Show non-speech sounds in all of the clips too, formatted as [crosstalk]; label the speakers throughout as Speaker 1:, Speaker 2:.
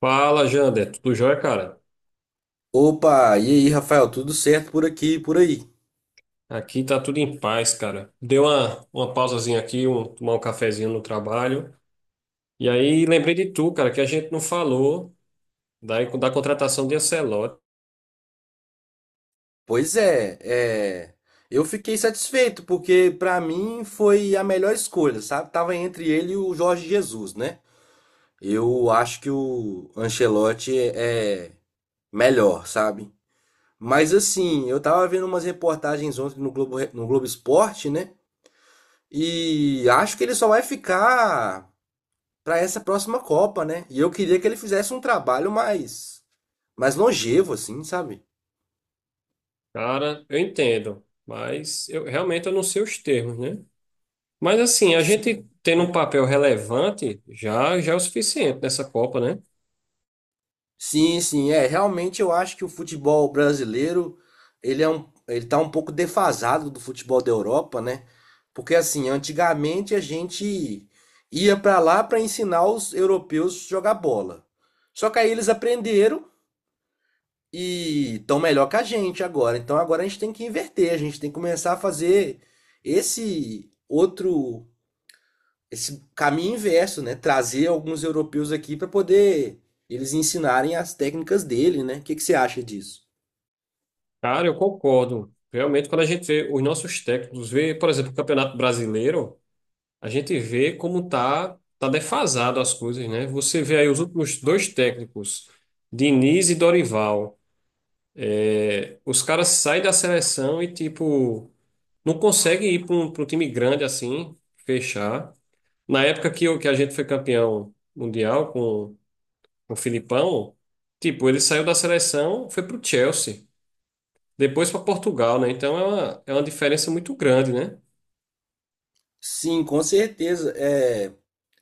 Speaker 1: Fala, Jander. Tudo jóia, cara?
Speaker 2: Opa, e aí, Rafael, tudo certo por aqui e por aí?
Speaker 1: Aqui tá tudo em paz, cara. Deu uma pausazinha aqui, tomar um cafezinho no trabalho. E aí lembrei de tu, cara, que a gente não falou da contratação de Ancelotti.
Speaker 2: Pois é, eu fiquei satisfeito porque pra mim foi a melhor escolha, sabe? Tava entre ele e o Jorge Jesus, né? Eu acho que o Ancelotti é melhor, sabe? Mas assim, eu tava vendo umas reportagens ontem no Globo, no Globo Esporte, né? E acho que ele só vai ficar pra essa próxima Copa, né? E eu queria que ele fizesse um trabalho mais longevo assim, sabe?
Speaker 1: Cara, eu entendo, mas eu realmente eu não sei os termos, né? Mas assim, a gente tendo um papel relevante já é o suficiente nessa Copa, né?
Speaker 2: Sim, sim, é. Realmente eu acho que o futebol brasileiro, ele tá um pouco defasado do futebol da Europa, né? Porque assim, antigamente a gente ia para lá para ensinar os europeus a jogar bola. Só que aí eles aprenderam e estão melhor que a gente agora. Então agora a gente tem que inverter, a gente tem que começar a fazer esse outro esse caminho inverso, né? Trazer alguns europeus aqui para poder eles ensinarem as técnicas dele, né? O que que você acha disso?
Speaker 1: Cara, eu concordo. Realmente, quando a gente vê os nossos técnicos, vê, por exemplo, o Campeonato Brasileiro. A gente vê como tá defasado as coisas, né? Você vê aí os últimos dois técnicos, Diniz e Dorival. Os caras saem da seleção e, tipo, não conseguem ir para pra um time grande assim, fechar. Na época que a gente foi campeão mundial com o Filipão, tipo, ele saiu da seleção, foi para o Chelsea, depois para Portugal, né? Então é uma diferença muito grande, né?
Speaker 2: Sim, com certeza. É,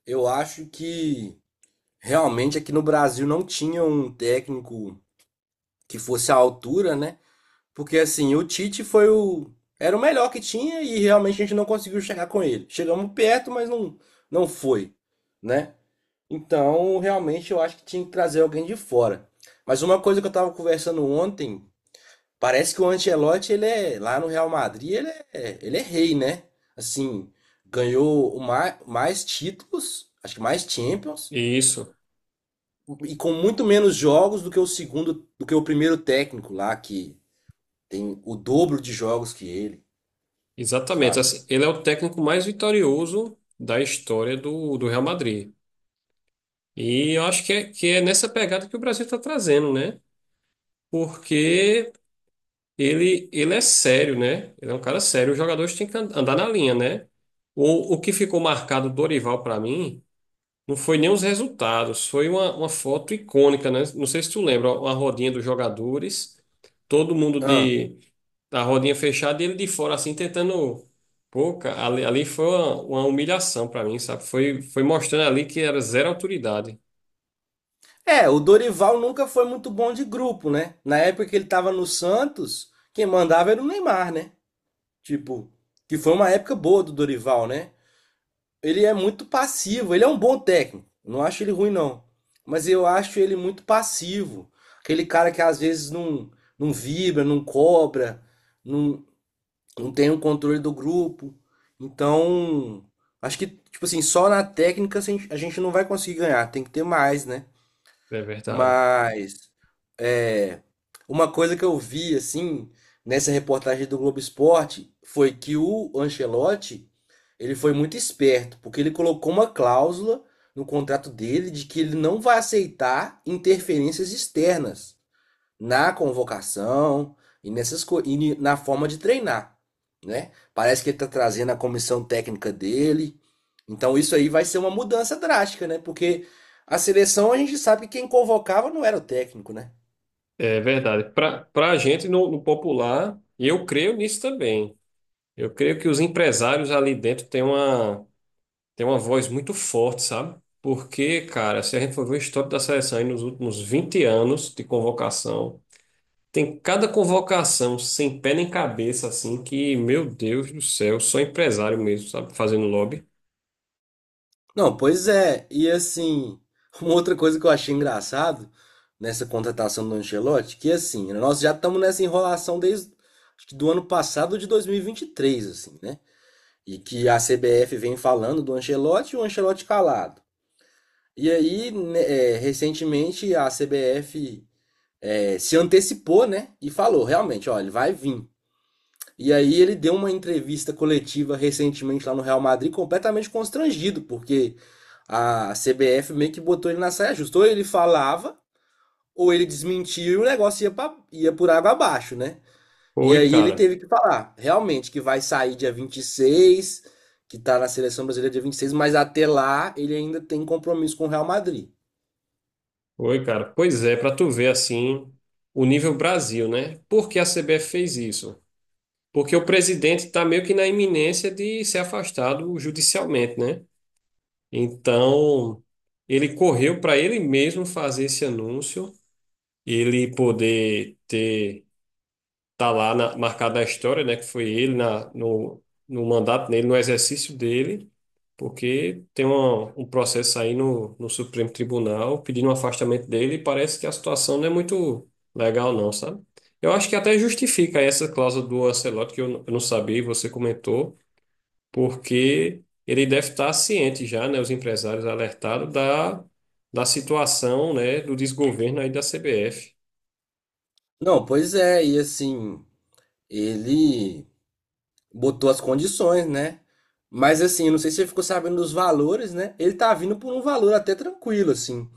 Speaker 2: eu acho que realmente aqui no Brasil não tinha um técnico que fosse à altura, né? Porque assim, o Tite foi o era o melhor que tinha e realmente a gente não conseguiu chegar com ele. Chegamos perto, mas não foi, né? Então, realmente eu acho que tinha que trazer alguém de fora. Mas uma coisa que eu estava conversando ontem. Parece que o Ancelotti, lá no Real Madrid, ele é rei, né? Assim, ganhou o mais títulos, acho que mais Champions,
Speaker 1: Isso.
Speaker 2: e com muito menos jogos do que o segundo, do que o primeiro técnico lá, que tem o dobro de jogos que ele,
Speaker 1: Exatamente.
Speaker 2: sabe?
Speaker 1: Assim, ele é o técnico mais vitorioso da história do Real Madrid. E eu acho que é nessa pegada que o Brasil está trazendo, né? Porque ele é sério, né? Ele é um cara sério. Os jogadores têm que andar na linha, né? O que ficou marcado do Dorival para mim. Não foi nem os resultados, foi uma foto icônica, né? Não sei se tu lembra, ó, uma rodinha dos jogadores, todo mundo
Speaker 2: Ah.
Speaker 1: de a rodinha fechada e ele de fora assim tentando. Pô, cara, ali foi uma humilhação pra mim, sabe? Foi mostrando ali que era zero autoridade.
Speaker 2: É, o Dorival nunca foi muito bom de grupo, né? Na época que ele tava no Santos, quem mandava era o Neymar, né? Tipo, que foi uma época boa do Dorival, né? Ele é muito passivo. Ele é um bom técnico. Não acho ele ruim, não. Mas eu acho ele muito passivo. Aquele cara que às vezes não, não vibra, não cobra, não, não tem o controle do grupo. Então, acho que, tipo assim, só na técnica a gente não vai conseguir ganhar. Tem que ter mais, né?
Speaker 1: É verdade.
Speaker 2: Mas é, uma coisa que eu vi assim nessa reportagem do Globo Esporte foi que o Ancelotti ele foi muito esperto porque ele colocou uma cláusula no contrato dele de que ele não vai aceitar interferências externas na convocação e nessas co- e ni- na forma de treinar, né? Parece que ele está trazendo a comissão técnica dele. Então isso aí vai ser uma mudança drástica, né? Porque a seleção a gente sabe que quem convocava não era o técnico, né?
Speaker 1: É verdade. Pra para gente no popular, e eu creio nisso também. Eu creio que os empresários ali dentro têm uma Tem uma voz muito forte, sabe? Porque, cara, se a gente for ver o histórico da seleção aí nos últimos 20 anos de convocação, tem cada convocação sem pé nem cabeça, assim, que, meu Deus do céu, só empresário mesmo, sabe? Fazendo lobby.
Speaker 2: Não, pois é. E assim, [laughs] uma outra coisa que eu achei engraçado nessa contratação do Ancelotti, que assim, nós já estamos nessa enrolação desde acho que do ano passado, de dois mil e vinte e três assim, né? E que a CBF vem falando do Ancelotti e o Ancelotti calado. E aí, né, recentemente, a CBF, se antecipou, né? E falou, realmente, ó, ele vai vir. E aí ele deu uma entrevista coletiva recentemente lá no Real Madrid, completamente constrangido, porque a CBF meio que botou ele na saia justa. Ou ele falava, ou ele desmentia e o negócio ia, ia por água abaixo, né? E
Speaker 1: Oi,
Speaker 2: aí ele
Speaker 1: cara.
Speaker 2: teve que falar, realmente, que vai sair dia 26, que tá na seleção brasileira dia 26, mas até lá ele ainda tem compromisso com o Real Madrid.
Speaker 1: Oi, cara. Pois é, pra tu ver, assim, o nível Brasil, né? Por que a CBF fez isso? Porque o presidente tá meio que na iminência de ser afastado judicialmente, né? Então, ele correu para ele mesmo fazer esse anúncio ele poder ter tá lá na, marcado na história, né, que foi ele na, no, no mandato dele, no exercício dele, porque tem uma, um processo aí no Supremo Tribunal pedindo o afastamento dele e parece que a situação não é muito legal não, sabe? Eu acho que até justifica essa cláusula do Ancelotti que eu não sabia e você comentou, porque ele deve estar ciente já, né, os empresários alertados da da situação, né, do desgoverno aí da CBF.
Speaker 2: Não, pois é, e assim, ele botou as condições, né? Mas assim, eu não sei se você ficou sabendo dos valores, né? Ele tá vindo por um valor até tranquilo, assim.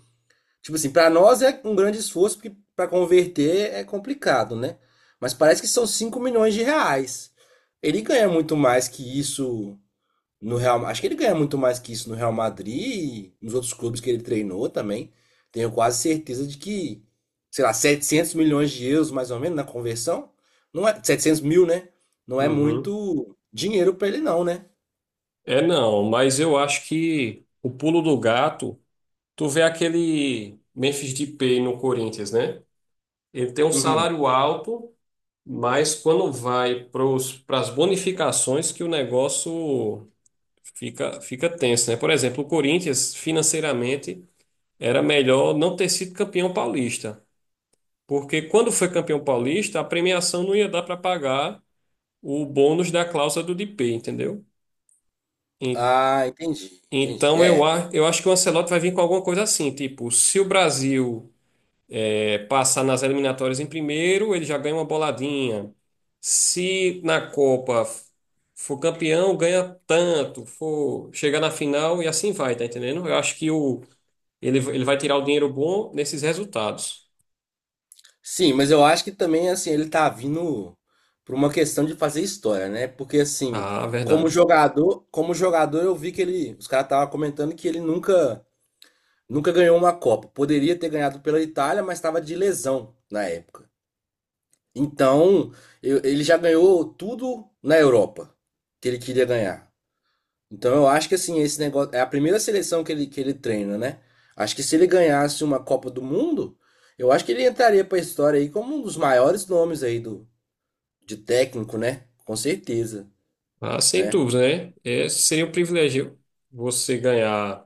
Speaker 2: Tipo assim, pra nós é um grande esforço, porque pra converter é complicado, né? Mas parece que são R$ 5 milhões. Ele ganha muito mais que isso no Real, acho que ele ganha muito mais que isso no Real Madrid e nos outros clubes que ele treinou também. Tenho quase certeza de que, sei lá, € 700 milhões mais ou menos na conversão, não é 700 mil, né? Não é
Speaker 1: Uhum.
Speaker 2: muito dinheiro para ele não, né?
Speaker 1: É não, mas eu acho que o pulo do gato, tu vê aquele Memphis Depay no Corinthians, né? Ele tem um
Speaker 2: Uhum.
Speaker 1: salário alto, mas quando vai para as bonificações que o negócio fica tenso, né? Por exemplo, o Corinthians financeiramente era melhor não ter sido campeão paulista, porque quando foi campeão paulista, a premiação não ia dar para pagar o bônus da cláusula do Depay, entendeu?
Speaker 2: Ah, entendi, entendi.
Speaker 1: Então eu,
Speaker 2: É.
Speaker 1: a- eu acho que o Ancelotti vai vir com alguma coisa assim, tipo, se o Brasil é, passar nas eliminatórias em primeiro, ele já ganha uma boladinha. Se na Copa for campeão, ganha tanto, for chegar na final e assim vai, tá entendendo? Eu acho que o, ele vai tirar o dinheiro bom nesses resultados.
Speaker 2: Sim, mas eu acho que também assim ele tá vindo por uma questão de fazer história, né? Porque assim,
Speaker 1: Ah, verdade.
Speaker 2: como jogador eu vi que ele, os caras estavam comentando que ele nunca, nunca ganhou uma Copa. Poderia ter ganhado pela Itália, mas estava de lesão na época. Então, ele já ganhou tudo na Europa que ele queria ganhar. Então, eu acho que assim, esse negócio é a primeira seleção que ele treina, né? Acho que se ele ganhasse uma Copa do Mundo, eu acho que ele entraria para a história aí como um dos maiores nomes aí do de técnico, né? Com certeza,
Speaker 1: Ah, sem
Speaker 2: né?
Speaker 1: dúvida, né? É, seria um privilégio você ganhar.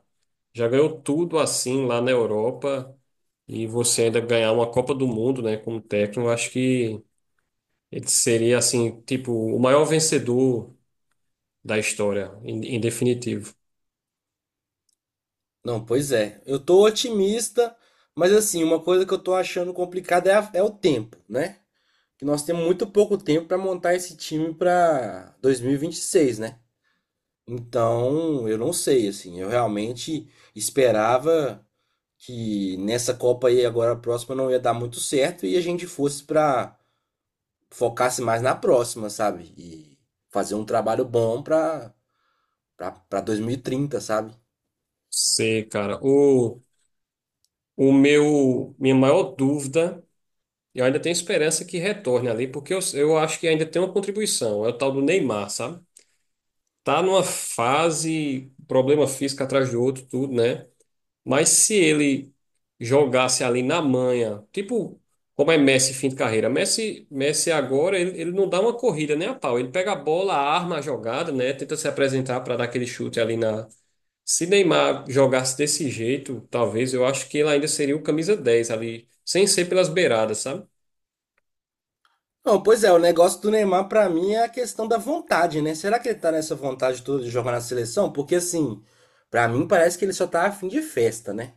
Speaker 1: Já ganhou tudo assim lá na Europa e você ainda ganhar uma Copa do Mundo, né, como técnico, eu acho que ele seria assim, tipo, o maior vencedor da história, em definitivo.
Speaker 2: Não, pois é. Eu tô otimista, mas assim, uma coisa que eu tô achando complicada é, é o tempo, né? Que nós temos muito pouco tempo para montar esse time para dois mil e vinte e seis, né? Então, eu não sei, assim, eu realmente esperava que nessa Copa aí agora a próxima não ia dar muito certo e a gente fosse para focasse mais na próxima, sabe? E fazer um trabalho bom para 2030, sabe?
Speaker 1: Sei, cara. O, minha maior dúvida, eu ainda tenho esperança que retorne ali, porque eu acho que ainda tem uma contribuição, é o tal do Neymar, sabe? Tá numa fase, problema físico atrás do outro, tudo, né? Mas se ele jogasse ali na manha, tipo como é Messi fim de carreira, Messi agora ele não dá uma corrida nem a pau, ele pega a bola, arma a jogada, né? Tenta se apresentar para dar aquele chute ali na. Se Neymar jogasse desse jeito, talvez eu acho que ele ainda seria o camisa 10 ali, sem ser pelas beiradas, sabe?
Speaker 2: Não, pois é, o negócio do Neymar pra mim é a questão da vontade, né? Será que ele tá nessa vontade toda de jogar na seleção? Porque assim, pra mim parece que ele só tá afim de festa, né?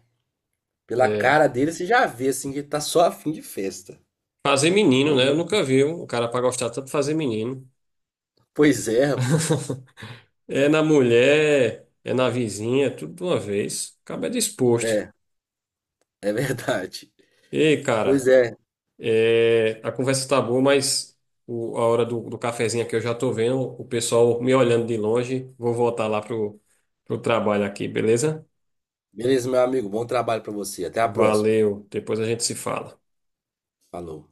Speaker 2: Pela
Speaker 1: É.
Speaker 2: cara dele, você já vê assim que ele tá só a fim de festa.
Speaker 1: Fazer menino,
Speaker 2: Mas
Speaker 1: né? Eu
Speaker 2: não.
Speaker 1: nunca vi um cara para gostar tanto de fazer menino.
Speaker 2: Pois é, rapaz.
Speaker 1: [laughs] É na mulher, é na vizinha, tudo de uma vez. Acaba disposto.
Speaker 2: É, é verdade.
Speaker 1: Ei,
Speaker 2: Pois
Speaker 1: cara,
Speaker 2: é.
Speaker 1: é, a conversa tá boa, mas a hora do cafezinho aqui eu já tô vendo o pessoal me olhando de longe. Vou voltar lá pro, pro trabalho aqui, beleza?
Speaker 2: Beleza, meu amigo. Bom trabalho pra você. Até a próxima.
Speaker 1: Valeu, depois a gente se fala.
Speaker 2: Falou.